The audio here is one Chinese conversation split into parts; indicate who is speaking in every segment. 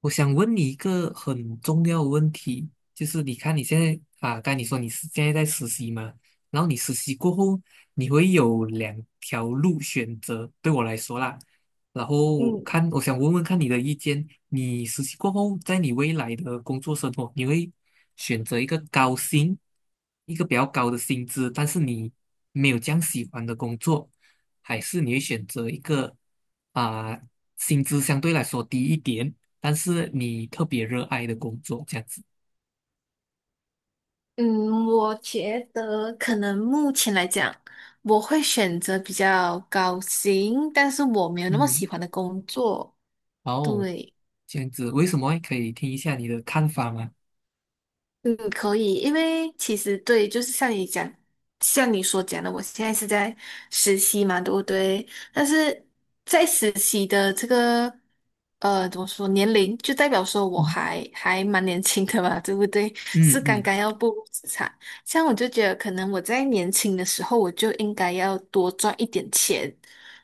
Speaker 1: 我想问你一个很重要的问题，就是你看你现在啊，刚才你说你是现在在实习嘛，然后你实习过后，你会有两条路选择，对我来说啦。然后我
Speaker 2: 嗯
Speaker 1: 看，我想问问看你的意见，你实习过后，在你未来的工作生活，你会选择一个高薪，一个比较高的薪资，但是你没有这样喜欢的工作，还是你会选择一个啊、薪资相对来说低一点？但是你特别热爱的工作这样子，
Speaker 2: 嗯，我觉得可能目前来讲，我会选择比较高薪，但是我没有那么
Speaker 1: 嗯，
Speaker 2: 喜欢的工作。
Speaker 1: 哦，
Speaker 2: 对，
Speaker 1: 这样子，为什么可以听一下你的看法吗？
Speaker 2: 嗯，可以，因为其实对，像你所讲的，我现在是在实习嘛，对不对？但是在实习的这个怎么说年龄，就代表说我
Speaker 1: 嗯
Speaker 2: 还蛮年轻的嘛，对不对？
Speaker 1: 嗯
Speaker 2: 是刚
Speaker 1: 嗯
Speaker 2: 刚要步入职场，像我就觉得，可能我在年轻的时候，我就应该要多赚一点钱，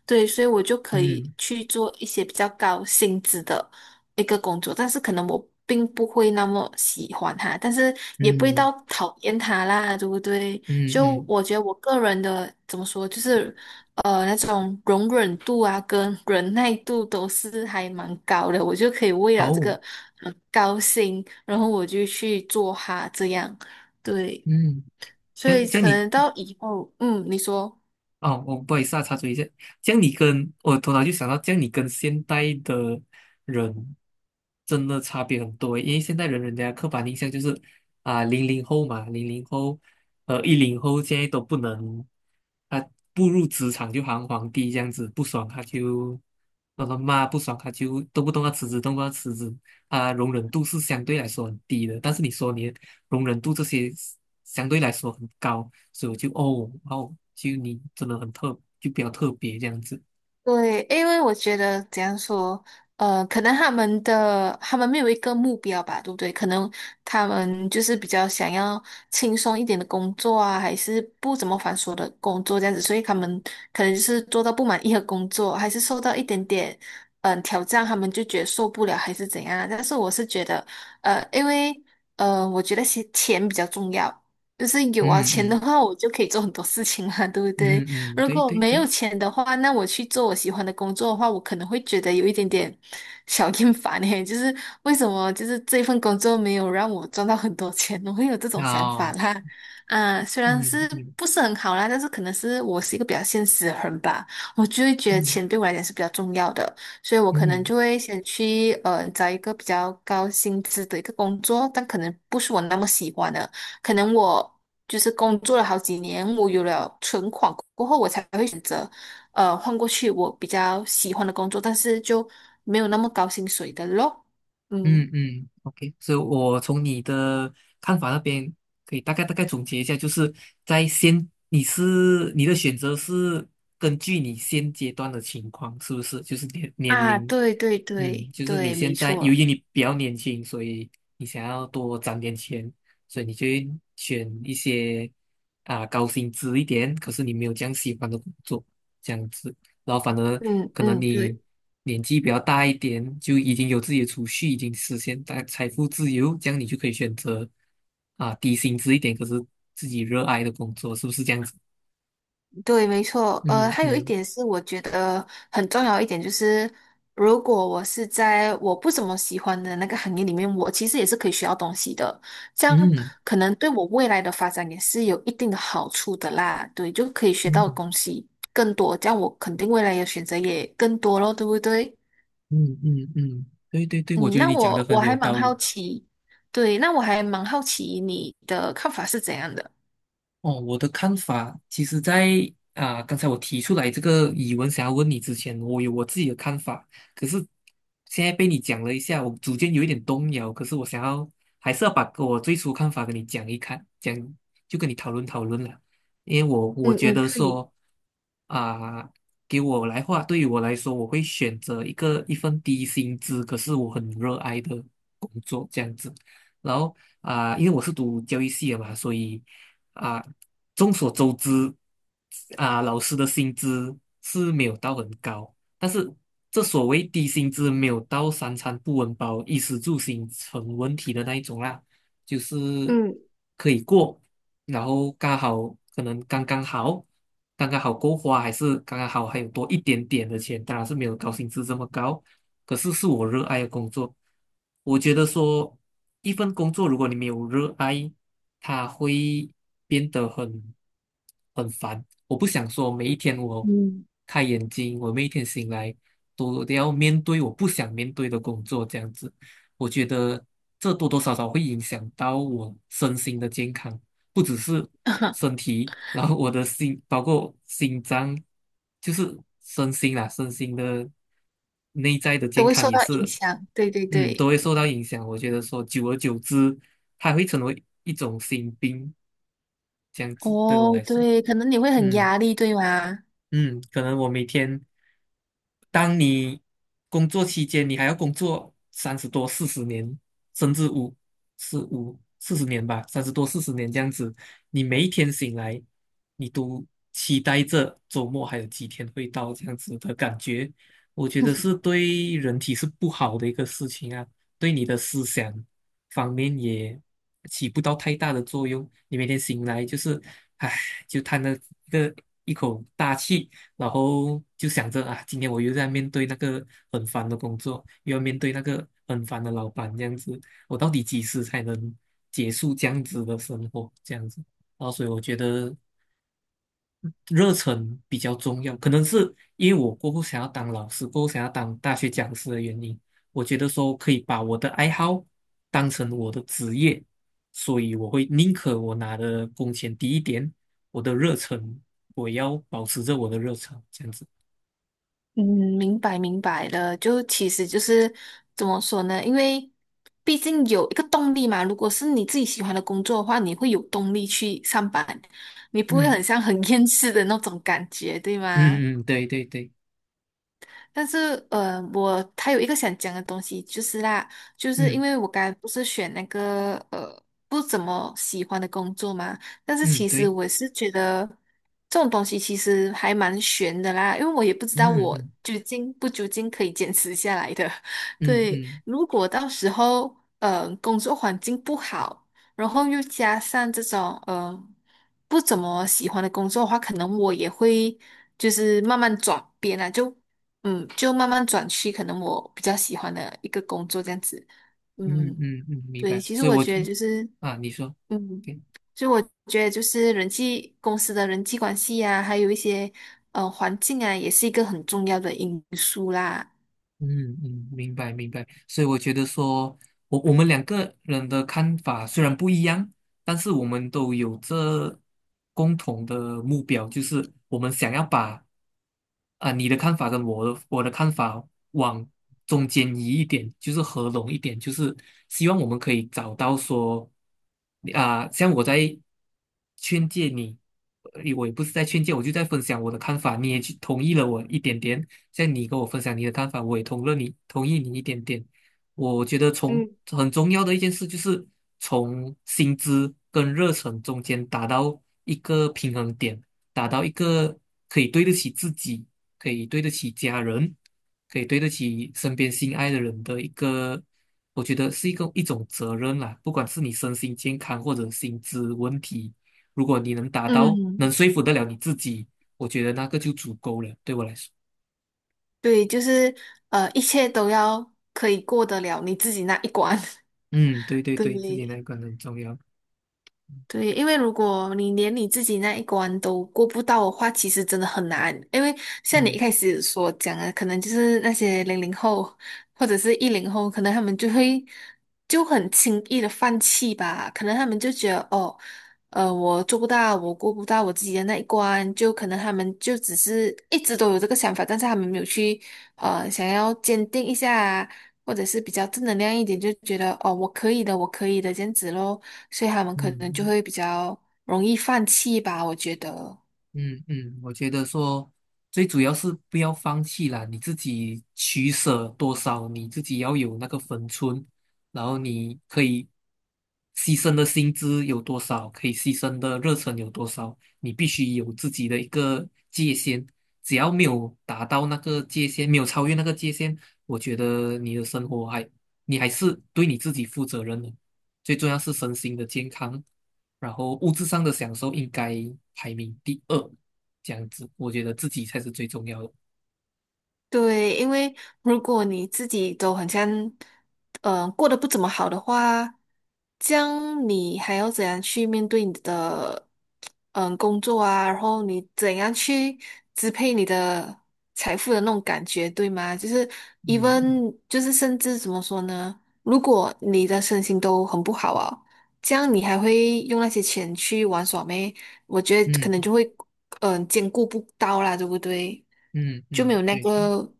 Speaker 2: 对，所以我就可以
Speaker 1: 嗯
Speaker 2: 去做一些比较高薪资的。一个工作，但是可能我并不会那么喜欢他，但是也不会
Speaker 1: 嗯
Speaker 2: 到讨厌他啦，对不对？
Speaker 1: 嗯
Speaker 2: 就
Speaker 1: 嗯，
Speaker 2: 我觉得我个人的怎么说，就是那种容忍度啊跟忍耐度都是还蛮高的，我就可以为了这个
Speaker 1: 哦，
Speaker 2: 高薪，然后我就去做哈，这样，对，
Speaker 1: 嗯，
Speaker 2: 所
Speaker 1: 这样
Speaker 2: 以
Speaker 1: 这样
Speaker 2: 可
Speaker 1: 你
Speaker 2: 能到以后，嗯，你说。
Speaker 1: 哦，我不好意思啊，插嘴一下，这样你跟我头脑就想到，这样你跟现代的人真的差别很多，因为现代人人家刻板印象就是啊，零零后嘛，零零后，10后现在都不能，他步入职场就行皇帝这样子，不爽他就让他骂，不爽他就动不动要辞职，动不动要辞职，啊，容忍度是相对来说很低的，但是你说你容忍度这些相对来说很高，所以我就哦哦，就你真的很特，就比较特别这样子。
Speaker 2: 对，因为我觉得怎样说，可能他们没有一个目标吧，对不对？可能他们就是比较想要轻松一点的工作啊，还是不怎么繁琐的工作这样子，所以他们可能就是做到不满意的工作，还是受到一点点挑战，他们就觉得受不了还是怎样啊。但是我是觉得，呃，因为我觉得钱比较重要，就是有
Speaker 1: 嗯
Speaker 2: 钱
Speaker 1: 嗯
Speaker 2: 的话，我就可以做很多事情嘛，对不对？
Speaker 1: 嗯嗯，
Speaker 2: 如
Speaker 1: 对
Speaker 2: 果
Speaker 1: 对
Speaker 2: 没
Speaker 1: 对，
Speaker 2: 有钱的话，那我去做我喜欢的工作的话，我可能会觉得有一点点 小厌烦诶，就是为什么就是这份工作没有让我赚到很多钱，我会有这种想法
Speaker 1: 哦，
Speaker 2: 啦。啊，虽然
Speaker 1: 嗯
Speaker 2: 是
Speaker 1: 嗯
Speaker 2: 不是很好啦，但是可能是我是一个比较现实的人吧，我就会觉得
Speaker 1: 嗯
Speaker 2: 钱对我来讲是比较重要的，所以我可能
Speaker 1: 嗯
Speaker 2: 就会先去找一个比较高薪资的一个工作，但可能不是我那么喜欢的。可能我就是工作了好几年，我有了存款过后，我才会选择换过去我比较喜欢的工作，但是就没有那么高薪水的咯。嗯
Speaker 1: 嗯嗯，OK，所以我从你的看法那边可以大概总结一下，就是在先，你是你的选择是根据你现阶段的情况，是不是？就是年年
Speaker 2: 啊，
Speaker 1: 龄
Speaker 2: 对对
Speaker 1: 嗯，
Speaker 2: 对
Speaker 1: 就是你
Speaker 2: 对，没
Speaker 1: 现在由
Speaker 2: 错。
Speaker 1: 于你比较年轻，所以你想要多攒点钱，所以你就会选一些高薪资一点，可是你没有这样喜欢的工作，这样子，然后反而
Speaker 2: 嗯
Speaker 1: 可能
Speaker 2: 嗯，
Speaker 1: 你
Speaker 2: 对。
Speaker 1: 年纪比较大一点，就已经有自己的储蓄，已经实现大财富自由，这样你就可以选择低薪资一点，可是自己热爱的工作，是不是这样子？
Speaker 2: 对，没错。
Speaker 1: 嗯
Speaker 2: 还有一
Speaker 1: 嗯
Speaker 2: 点是，我觉得很重要一点就是，如果我是在我不怎么喜欢的那个行业里面，我其实也是可以学到东西的。这样
Speaker 1: 嗯
Speaker 2: 可能对我未来的发展也是有一定的好处的啦。对，就可以学到的
Speaker 1: 嗯
Speaker 2: 东西更多，这样我肯定未来的选择也更多咯，对不对？
Speaker 1: 嗯嗯嗯，对对对，我
Speaker 2: 嗯，
Speaker 1: 觉得
Speaker 2: 那
Speaker 1: 你讲
Speaker 2: 我
Speaker 1: 的
Speaker 2: 我
Speaker 1: 很
Speaker 2: 还
Speaker 1: 有
Speaker 2: 蛮
Speaker 1: 道
Speaker 2: 好
Speaker 1: 理。
Speaker 2: 奇，对，那我还蛮好奇你的看法是怎样的？
Speaker 1: 哦，我的看法，其实在，啊，刚才我提出来这个疑问，想要问你之前，我有我自己的看法，可是现在被你讲了一下，我逐渐有一点动摇。可是我想要，还是要把我最初看法跟你讲一看，讲就跟你讨论讨论了，因为我我
Speaker 2: 嗯
Speaker 1: 觉
Speaker 2: 嗯，
Speaker 1: 得
Speaker 2: 可以。
Speaker 1: 说，啊、给我来话，对于我来说，我会选择一个一份低薪资，可是我很热爱的。手这样子。然后因为我是读教育系的嘛，所以啊、众所周知老师的薪资是没有到很高，但是这所谓低薪资没有到三餐不温饱、衣食住行成问题的那一种啦。就是
Speaker 2: 嗯。
Speaker 1: 可以过，然后刚好可能刚刚好，刚刚好够花，还是刚刚好还有多一点点的钱，当然是没有高薪资这么高，可是是我热爱的工作。我觉得说一份工作，如果你没有热爱，它会变得很烦。我不想说每一天我
Speaker 2: 嗯。
Speaker 1: 开眼睛，我每一天醒来都要面对我不想面对的工作这样子。我觉得这多多少少会影响到我身心的健康，不只是身 体，然后我的心，包括心脏，就是身心啦，身心的内在的
Speaker 2: 都
Speaker 1: 健
Speaker 2: 会
Speaker 1: 康
Speaker 2: 受
Speaker 1: 也
Speaker 2: 到影
Speaker 1: 是，
Speaker 2: 响。对对
Speaker 1: 嗯，都
Speaker 2: 对，
Speaker 1: 会受到影响。我觉得说，久而久之，它会成为一种心病，这样子对我
Speaker 2: 哦，
Speaker 1: 来说，
Speaker 2: 对，可能你会很
Speaker 1: 嗯。
Speaker 2: 压力，对吗？
Speaker 1: 嗯，可能我每天，当你工作期间，你还要工作三十多、四十年，甚至五、四五、四十年吧，三十多、四十年这样子，你每一天醒来，你都期待着周末还有几天会到这样子的感觉，我觉得是对人体是不好的一个事情啊，对你的思想。方面也起不到太大的作用。你每天醒来就是，唉，就叹了一个一口大气，然后就想着啊，今天我又在面对那个很烦的工作，又要面对那个很烦的老板，这样子，我到底几时才能结束这样子的生活？这样子，然后所以我觉得热忱比较重要，可能是因为我过后想要当老师，过后想要当大学讲师的原因，我觉得说可以把我的爱好当成我的职业，所以我会宁可我拿的工钱低一点，我的热忱我要保持着我的热忱，这样子。
Speaker 2: 嗯，明白明白了。就其实就是怎么说呢？因为毕竟有一个动力嘛。如果是你自己喜欢的工作的话，你会有动力去上班，你不会很
Speaker 1: 嗯
Speaker 2: 像很 厌世的那种感觉，对吗？
Speaker 1: 嗯嗯，对对对，
Speaker 2: 但是，我他有一个想讲的东西，就是啦，就是因
Speaker 1: 嗯
Speaker 2: 为我刚才不是选那个不怎么喜欢的工作嘛，但是
Speaker 1: 嗯
Speaker 2: 其实
Speaker 1: 对，
Speaker 2: 我是觉得这种东西其实还蛮悬的啦，因为我也不知道
Speaker 1: 嗯
Speaker 2: 我
Speaker 1: 嗯
Speaker 2: 究竟不究竟可以坚持下来的。
Speaker 1: 嗯
Speaker 2: 对，
Speaker 1: 嗯
Speaker 2: 如果到时候工作环境不好，然后又加上这种不怎么喜欢的工作的话，可能我也会就是慢慢转变啊，就嗯，就慢慢转去可能我比较喜欢的一个工作这样子。
Speaker 1: 嗯
Speaker 2: 嗯，
Speaker 1: 嗯嗯，明
Speaker 2: 对，
Speaker 1: 白。
Speaker 2: 其实
Speaker 1: 所以
Speaker 2: 我
Speaker 1: 我
Speaker 2: 觉得就是，
Speaker 1: 啊，你说。
Speaker 2: 嗯，
Speaker 1: 对
Speaker 2: 就我觉得就是人际公司的人际关系呀、还有一些环境啊，也是一个很重要的因素啦。
Speaker 1: 嗯嗯，明白明白。所以我觉得说，我们两个人的看法虽然不一样，但是我们都有这共同的目标，就是我们想要把你的看法跟我的看法往中间移一点，就是合拢一点，就是希望我们可以找到说像我在劝诫你，我也不是在劝诫，我就在分享我的看法，你也去同意了我一点点。像你跟我分享你的看法，我也同意你一点点。我觉得从很重要的一件事就是从薪资跟热忱中间达到一个平衡点，达到一个可以对得起自己，可以对得起家人，可以对得起身边心爱的人的一个，我觉得是一个一种责任啦。不管是你身心健康或者薪资问题，如果你能达到，能
Speaker 2: 嗯，
Speaker 1: 说服得了你自己，我觉得那个就足够了，对我来说。
Speaker 2: 对，就是一切都要可以过得了你自己那一关。
Speaker 1: 嗯，对 对对，自己
Speaker 2: 对，
Speaker 1: 那个很重要。
Speaker 2: 对，因为如果你连你自己那一关都过不到的话，其实真的很难。因为像你一
Speaker 1: 嗯
Speaker 2: 开始所讲的，可能就是那些零零后或者是一零后，可能他们就会就很轻易的放弃吧。可能他们就觉得哦，我做不到，我过不到我自己的那一关，就可能他们就只是一直都有这个想法，但是他们没有去想要坚定一下，或者是比较正能量一点，就觉得哦，我可以的，我可以的这样子咯，所以他们可能就
Speaker 1: 嗯，
Speaker 2: 会比较容易放弃吧，我觉得。
Speaker 1: 嗯嗯，我觉得说最主要是不要放弃啦，你自己取舍多少，你自己要有那个分寸，然后你可以牺牲的薪资有多少，可以牺牲的热忱有多少，你必须有自己的一个界限。只要没有达到那个界限，没有超越那个界限，我觉得你的生活还，你还是对你自己负责任的。最重要是身心的健康，然后物质上的享受应该排名第二，这样子，我觉得自己才是最重要的。
Speaker 2: 对，因为如果你自己都很像，过得不怎么好的话，这样你还要怎样去面对你的工作啊？然后你怎样去支配你的财富的那种感觉，对吗？就是
Speaker 1: 嗯
Speaker 2: even 就是甚至怎么说呢？如果你的身心都很不好啊，这样你还会用那些钱去玩耍咩？我觉得可
Speaker 1: 嗯
Speaker 2: 能就会，兼顾不到啦，对不对？
Speaker 1: 嗯
Speaker 2: 就
Speaker 1: 嗯，
Speaker 2: 没
Speaker 1: 嗯
Speaker 2: 有那
Speaker 1: 对对，
Speaker 2: 个，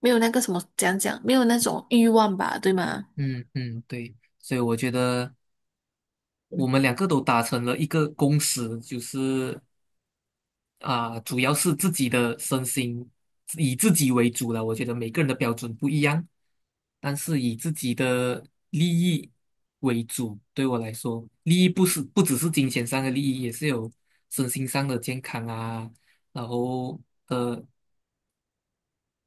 Speaker 2: 没有那个什么，没有那种欲望吧，对吗？
Speaker 1: 嗯嗯对，所以我觉得我们两个都达成了一个共识，就是主要是自己的身心，以自己为主了。我觉得每个人的标准不一样，但是以自己的利益为主，对我来说，利益不是不只是金钱上的利益，也是有身心上的健康啊，然后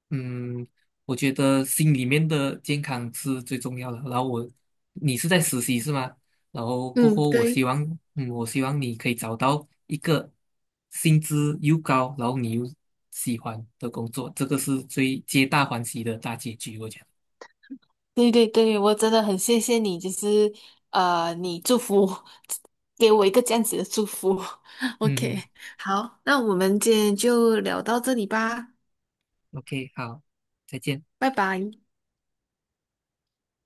Speaker 1: 嗯，我觉得心里面的健康是最重要的。然后我，你是在实习是吗？然后过
Speaker 2: 嗯，
Speaker 1: 后，我希
Speaker 2: 对，
Speaker 1: 望，嗯，我希望你可以找到一个薪资又高，然后你又喜欢的工作，这个是最皆大欢喜的大结局，我觉得。
Speaker 2: 对对对，我真的很谢谢你，就是你祝福 给我一个这样子的祝福。
Speaker 1: 嗯
Speaker 2: OK，
Speaker 1: 嗯
Speaker 2: 好，那我们今天就聊到这里吧，
Speaker 1: ，OK，好，再见。
Speaker 2: 拜拜。